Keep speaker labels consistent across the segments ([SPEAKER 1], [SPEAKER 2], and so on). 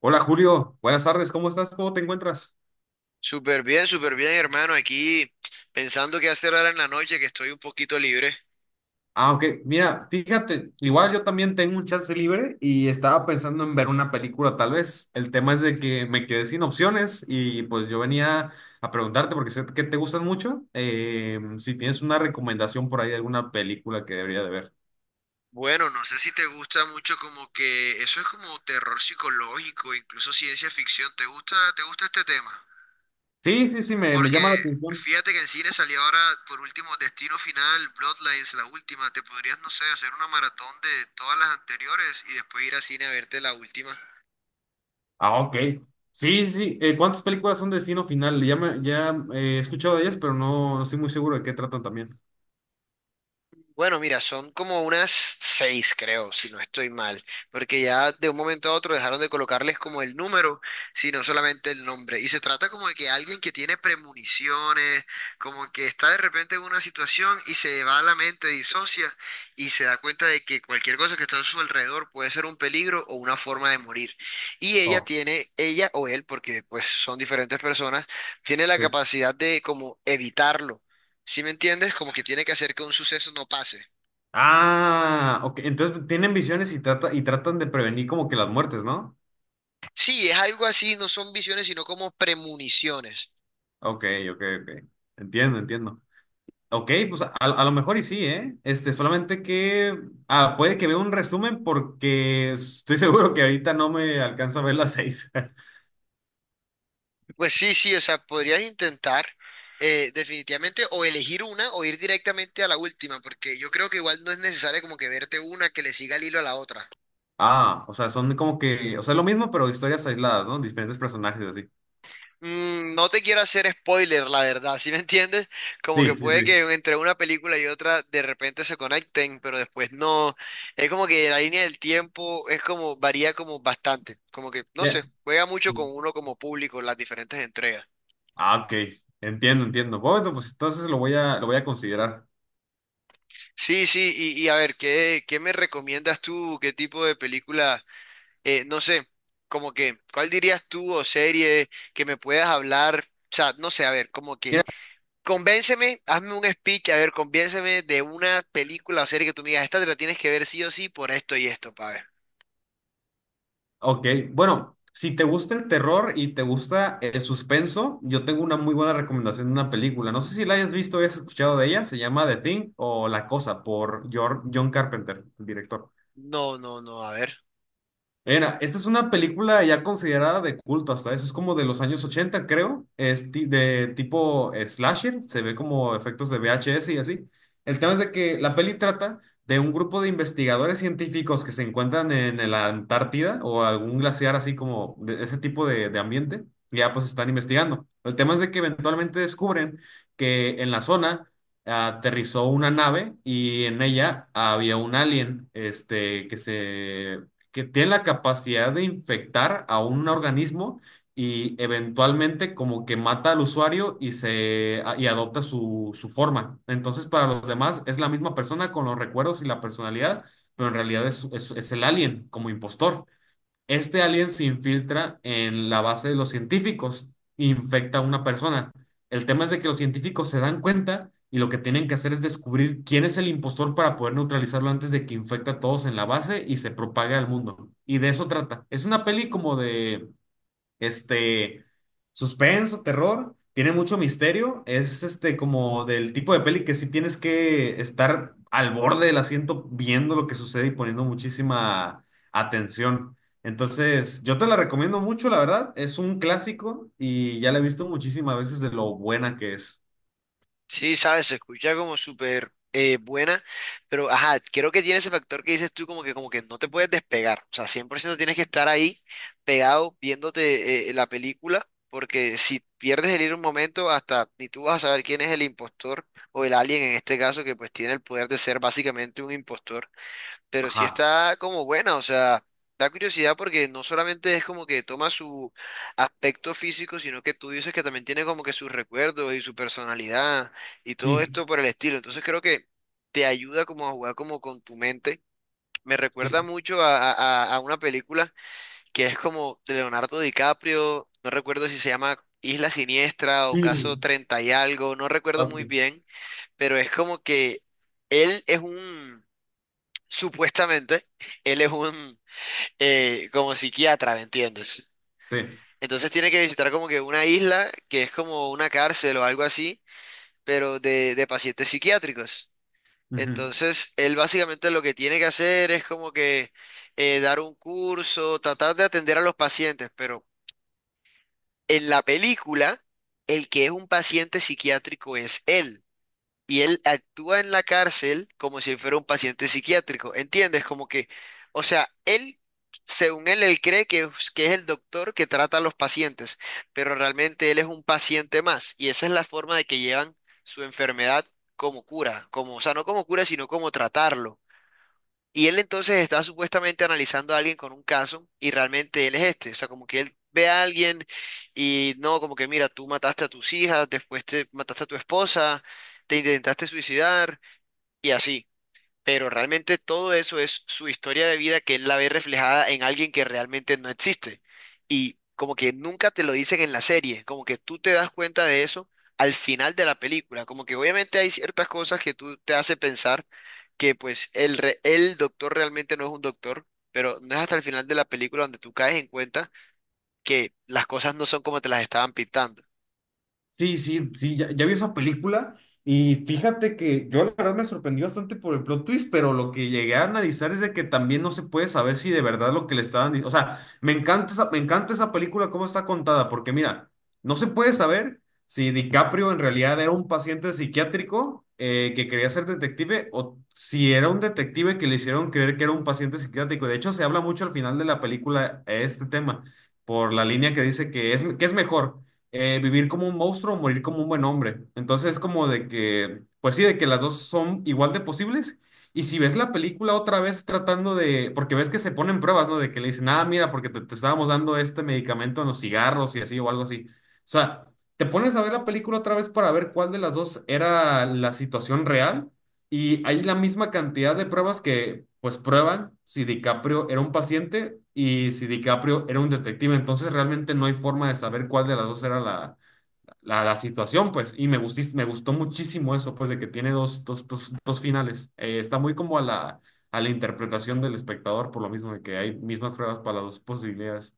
[SPEAKER 1] Hola Julio, buenas tardes, ¿cómo estás? ¿Cómo te encuentras?
[SPEAKER 2] Súper bien, hermano. Aquí pensando qué hacer ahora en la noche, que estoy un poquito libre.
[SPEAKER 1] Ah, ok, mira, fíjate, igual yo también tengo un chance libre y estaba pensando en ver una película tal vez. El tema es de que me quedé sin opciones y pues yo venía a preguntarte porque sé que te gustan mucho, si tienes una recomendación por ahí de alguna película que debería de ver.
[SPEAKER 2] Bueno, no sé si te gusta mucho como que eso es como terror psicológico, incluso ciencia ficción. ¿Te gusta este tema?
[SPEAKER 1] Sí, sí, sí, me
[SPEAKER 2] Porque
[SPEAKER 1] llama la atención.
[SPEAKER 2] fíjate que en cine salió ahora por último Destino Final, Bloodlines, la última. Te podrías, no sé, hacer una maratón de todas las anteriores y después ir al cine a verte la última.
[SPEAKER 1] Ah, ok. Sí, sí, ¿cuántas películas son de Destino Final? Ya, ya he escuchado de ellas, pero no, no estoy muy seguro de qué tratan también.
[SPEAKER 2] Bueno, mira, son como unas seis, creo, si no estoy mal, porque ya de un momento a otro dejaron de colocarles como el número, sino solamente el nombre. Y se trata como de que alguien que tiene premoniciones, como que está de repente en una situación y se va a la mente, disocia y se da cuenta de que cualquier cosa que está a su alrededor puede ser un peligro o una forma de morir. Y ella
[SPEAKER 1] Oh,
[SPEAKER 2] tiene, ella o él, porque pues son diferentes personas, tiene la
[SPEAKER 1] sí.
[SPEAKER 2] capacidad de como evitarlo. ¿Sí me entiendes? Como que tiene que hacer que un suceso no pase.
[SPEAKER 1] Ah, ok. Entonces tienen visiones y tratan de prevenir como que las muertes, ¿no?
[SPEAKER 2] Sí, es algo así, no son visiones, sino como premoniciones.
[SPEAKER 1] Ok, ok, ok. Entiendo, entiendo. Ok, pues a lo mejor y sí, ¿eh? Este, solamente que ah, puede que vea un resumen porque estoy seguro que ahorita no me alcanza a ver las seis.
[SPEAKER 2] Pues sí, sí, o sea, podrías intentar definitivamente o elegir una o ir directamente a la última, porque yo creo que igual no es necesario como que verte una que le siga el hilo a la otra.
[SPEAKER 1] Ah, o sea, son como que, o sea, es lo mismo, pero historias aisladas, ¿no? Diferentes personajes así.
[SPEAKER 2] No te quiero hacer spoiler, la verdad, ¿sí me entiendes? Como que
[SPEAKER 1] Sí, sí,
[SPEAKER 2] puede
[SPEAKER 1] sí.
[SPEAKER 2] que entre una película y otra de repente se conecten, pero después no. Es como que la línea del tiempo es como, varía como bastante. Como que, no
[SPEAKER 1] Ya.
[SPEAKER 2] sé, juega mucho con uno como público en las diferentes entregas.
[SPEAKER 1] Ah, ok. Entiendo, entiendo. Bueno, pues entonces lo voy lo voy a considerar.
[SPEAKER 2] Sí, sí, y a ver, ¿qué me recomiendas tú? ¿Qué tipo de película? No sé, como que, ¿cuál dirías tú o serie que me puedas hablar? O sea, no sé, a ver, como que
[SPEAKER 1] Mira.
[SPEAKER 2] convénceme, hazme un speech, a ver, convénceme de una película o serie que tú me digas, esta te la tienes que ver sí o sí por esto y esto, pa' ver.
[SPEAKER 1] Ok, bueno, si te gusta el terror y te gusta el suspenso, yo tengo una muy buena recomendación de una película. No sé si la hayas visto o hayas escuchado de ella, se llama The Thing o La Cosa por John Carpenter, el director.
[SPEAKER 2] No, no, no, a ver.
[SPEAKER 1] Mira, esta es una película ya considerada de culto hasta eso, es como de los años 80 creo, es de tipo slasher, se ve como efectos de VHS y así. El tema es de que la peli trata de un grupo de investigadores científicos que se encuentran en la Antártida o algún glaciar así como de ese tipo de ambiente, y ya pues están investigando. El tema es de que eventualmente descubren que en la zona aterrizó una nave y en ella había un alien, que tienen la capacidad de infectar a un organismo y eventualmente como que mata al usuario y adopta su forma. Entonces, para los demás es la misma persona con los recuerdos y la personalidad, pero en realidad es el alien como impostor. Este alien se infiltra en la base de los científicos, e infecta a una persona. El tema es de que los científicos se dan cuenta y lo que tienen que hacer es descubrir quién es el impostor para poder neutralizarlo antes de que infecte a todos en la base y se propague al mundo. Y de eso trata. Es una peli como de este, suspenso, terror, tiene mucho misterio, es este como del tipo de peli que sí tienes que estar al borde del asiento viendo lo que sucede y poniendo muchísima atención. Entonces, yo te la recomiendo mucho, la verdad, es un clásico y ya la he visto muchísimas veces de lo buena que es.
[SPEAKER 2] Sí, sabes, se escucha como súper buena, pero ajá, creo que tiene ese factor que dices tú como que no te puedes despegar, o sea, 100% tienes que estar ahí pegado viéndote la película, porque si pierdes el hilo un momento, hasta ni tú vas a saber quién es el impostor o el alien en este caso, que pues tiene el poder de ser básicamente un impostor, pero sí
[SPEAKER 1] Ajá,
[SPEAKER 2] está como buena, o sea, da curiosidad porque no solamente es como que toma su aspecto físico, sino que tú dices que también tiene como que sus recuerdos y su personalidad y todo
[SPEAKER 1] sí,
[SPEAKER 2] esto por el estilo. Entonces creo que te ayuda como a jugar como con tu mente. Me
[SPEAKER 1] sí,
[SPEAKER 2] recuerda mucho a, a una película que es como de Leonardo DiCaprio, no recuerdo si se llama Isla Siniestra o Caso
[SPEAKER 1] sí,
[SPEAKER 2] Treinta y algo, no recuerdo
[SPEAKER 1] ok,
[SPEAKER 2] muy bien, pero es como que él es un, supuestamente, él es un, como psiquiatra, ¿me entiendes?
[SPEAKER 1] sí.
[SPEAKER 2] Entonces tiene que visitar como que una isla que es como una cárcel o algo así, pero de pacientes psiquiátricos.
[SPEAKER 1] Ujú.
[SPEAKER 2] Entonces, él básicamente lo que tiene que hacer es como que dar un curso, tratar de atender a los pacientes, pero en la película, el que es un paciente psiquiátrico es él, y él actúa en la cárcel como si él fuera un paciente psiquiátrico, ¿entiendes? Como que, o sea, él, según él, él cree que, que es el doctor que trata a los pacientes, pero realmente él es un paciente más y esa es la forma de que llevan su enfermedad como cura, como, o sea, no como cura, sino como tratarlo. Y él entonces está supuestamente analizando a alguien con un caso y realmente él es este. O sea, como que él ve a alguien y no, como que mira, tú mataste a tus hijas, después te mataste a tu esposa, te intentaste suicidar y así, pero realmente todo eso es su historia de vida que él la ve reflejada en alguien que realmente no existe. Y como que nunca te lo dicen en la serie, como que tú te das cuenta de eso al final de la película, como que obviamente hay ciertas cosas que tú te hace pensar que pues el doctor realmente no es un doctor, pero no es hasta el final de la película donde tú caes en cuenta que las cosas no son como te las estaban pintando.
[SPEAKER 1] Sí, sí, sí, ya vi esa película y fíjate que yo la verdad me sorprendí bastante por el plot twist, pero lo que llegué a analizar es de que también no se puede saber si de verdad lo que le estaban diciendo, o sea, me encanta me encanta esa película cómo está contada, porque mira, no se puede saber si DiCaprio en realidad era un paciente psiquiátrico que quería ser detective o si era un detective que le hicieron creer que era un paciente psiquiátrico. De hecho, se habla mucho al final de la película este tema, por la línea que dice que que es mejor vivir como un monstruo o morir como un buen hombre. Entonces es como de que, pues sí, de que las dos son igual de posibles. Y si ves la película otra vez tratando de, porque ves que se ponen pruebas, ¿no? De que le dicen, ah, mira, porque te estábamos dando este medicamento en los cigarros y así o algo así. O sea, te pones a ver la película otra vez para ver cuál de las dos era la situación real y hay la misma cantidad de pruebas que pues prueban si DiCaprio era un paciente y si DiCaprio era un detective. Entonces realmente no hay forma de saber cuál de las dos era la situación, pues. Y me gustó muchísimo eso, pues, de que tiene dos finales. Está muy como a a la interpretación del espectador, por lo mismo de que hay mismas pruebas para las dos posibilidades.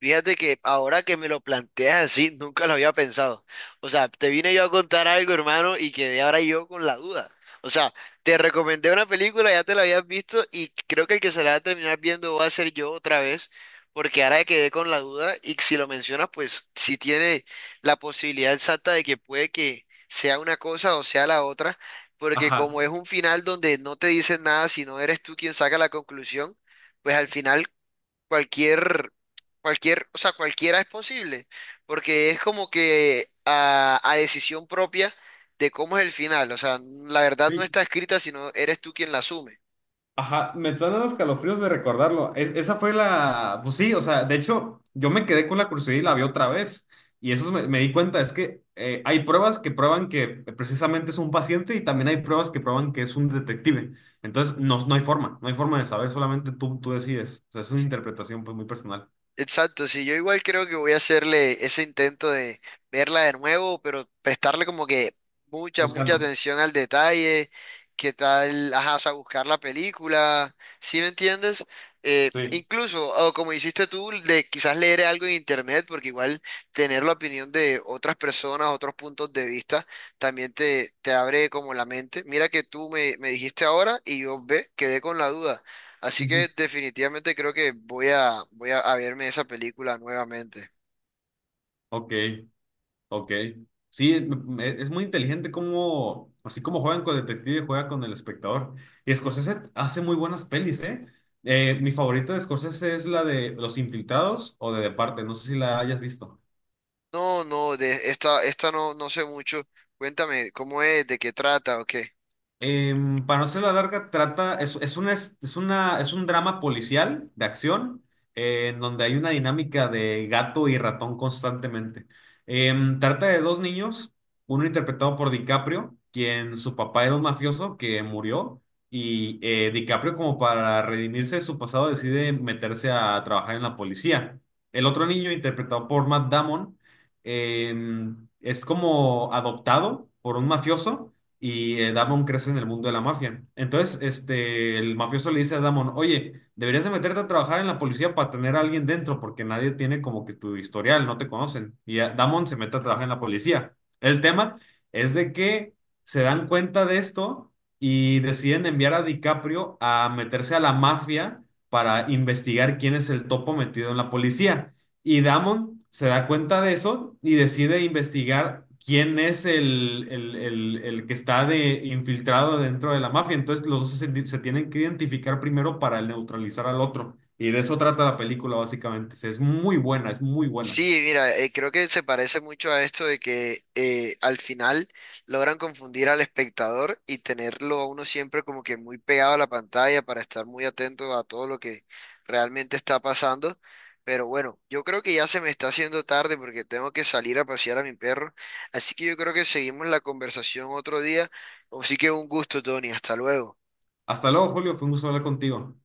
[SPEAKER 2] Fíjate que ahora que me lo planteas así, nunca lo había pensado. O sea, te vine yo a contar algo, hermano, y quedé ahora yo con la duda. O sea, te recomendé una película, ya te la habías visto, y creo que el que se la va a terminar viendo va a ser yo otra vez, porque ahora quedé con la duda, y si lo mencionas, pues si tiene la posibilidad exacta de que puede que sea una cosa o sea la otra, porque
[SPEAKER 1] Ajá.
[SPEAKER 2] como es un final donde no te dicen nada, sino eres tú quien saca la conclusión, pues al final cualquier, o sea, cualquiera es posible, porque es como que a decisión propia de cómo es el final, o sea, la verdad no
[SPEAKER 1] Sí.
[SPEAKER 2] está escrita, sino eres tú quien la asume.
[SPEAKER 1] Ajá, me están dando escalofríos de recordarlo. Esa fue la, pues sí, o sea, de hecho, yo me quedé con la curiosidad y la vi otra vez. Y eso me di cuenta, es que hay pruebas que prueban que precisamente es un paciente y también hay pruebas que prueban que es un detective. Entonces, no, no hay forma, no hay forma de saber, solamente tú decides. O sea, es una interpretación pues muy personal,
[SPEAKER 2] Exacto, sí, yo igual creo que voy a hacerle ese intento de verla de nuevo, pero prestarle como que mucha, mucha
[SPEAKER 1] buscando.
[SPEAKER 2] atención al detalle, qué tal, ajá, o sea, buscar la película, ¿sí me entiendes?
[SPEAKER 1] Sí.
[SPEAKER 2] Incluso, o como hiciste tú, de quizás leer algo en internet, porque igual tener la opinión de otras personas, otros puntos de vista, también te abre como la mente. Mira que tú me dijiste ahora y yo ve, quedé con la duda. Así que
[SPEAKER 1] Ujú.
[SPEAKER 2] definitivamente creo que voy a verme esa película nuevamente.
[SPEAKER 1] Ok. Ok. Sí, me- es muy inteligente cómo, así como juegan con el detective, juega con el espectador. Y Scorsese hace muy buenas pelis, ¿eh? Mi favorita de Scorsese es la de Los Infiltrados o de Departe, no sé si la hayas visto.
[SPEAKER 2] No, no, de esta no, no sé mucho. Cuéntame, ¿cómo es? ¿De qué trata? ¿O qué?
[SPEAKER 1] Em, para no ser la larga, trata, es una, es una, es un drama policial de acción en donde hay una dinámica de gato y ratón constantemente. Em, trata de dos niños, uno interpretado por DiCaprio, quien su papá era un mafioso que murió, y DiCaprio como para redimirse de su pasado decide meterse a trabajar en la policía. El otro niño, interpretado por Matt Damon, em, es como adoptado por un mafioso y Damon crece en el mundo de la mafia. Entonces, este, el mafioso le dice a Damon, oye, deberías de meterte a trabajar en la policía para tener a alguien dentro, porque nadie tiene como que tu historial, no te conocen. Y Damon se mete a trabajar en la policía. El tema es de que se dan cuenta de esto y deciden enviar a DiCaprio a meterse a la mafia para investigar quién es el topo metido en la policía. Y Damon se da cuenta de eso y decide investigar quién es el que está de, infiltrado dentro de la mafia. Entonces los dos se tienen que identificar primero para neutralizar al otro. Y de eso trata la película, básicamente. Es muy buena, es muy buena.
[SPEAKER 2] Sí, mira, creo que se parece mucho a esto de que al final logran confundir al espectador y tenerlo a uno siempre como que muy pegado a la pantalla para estar muy atento a todo lo que realmente está pasando. Pero bueno, yo creo que ya se me está haciendo tarde porque tengo que salir a pasear a mi perro. Así que yo creo que seguimos la conversación otro día. Así que un gusto, Tony. Hasta luego.
[SPEAKER 1] Hasta luego, Julio. Fue un gusto hablar contigo.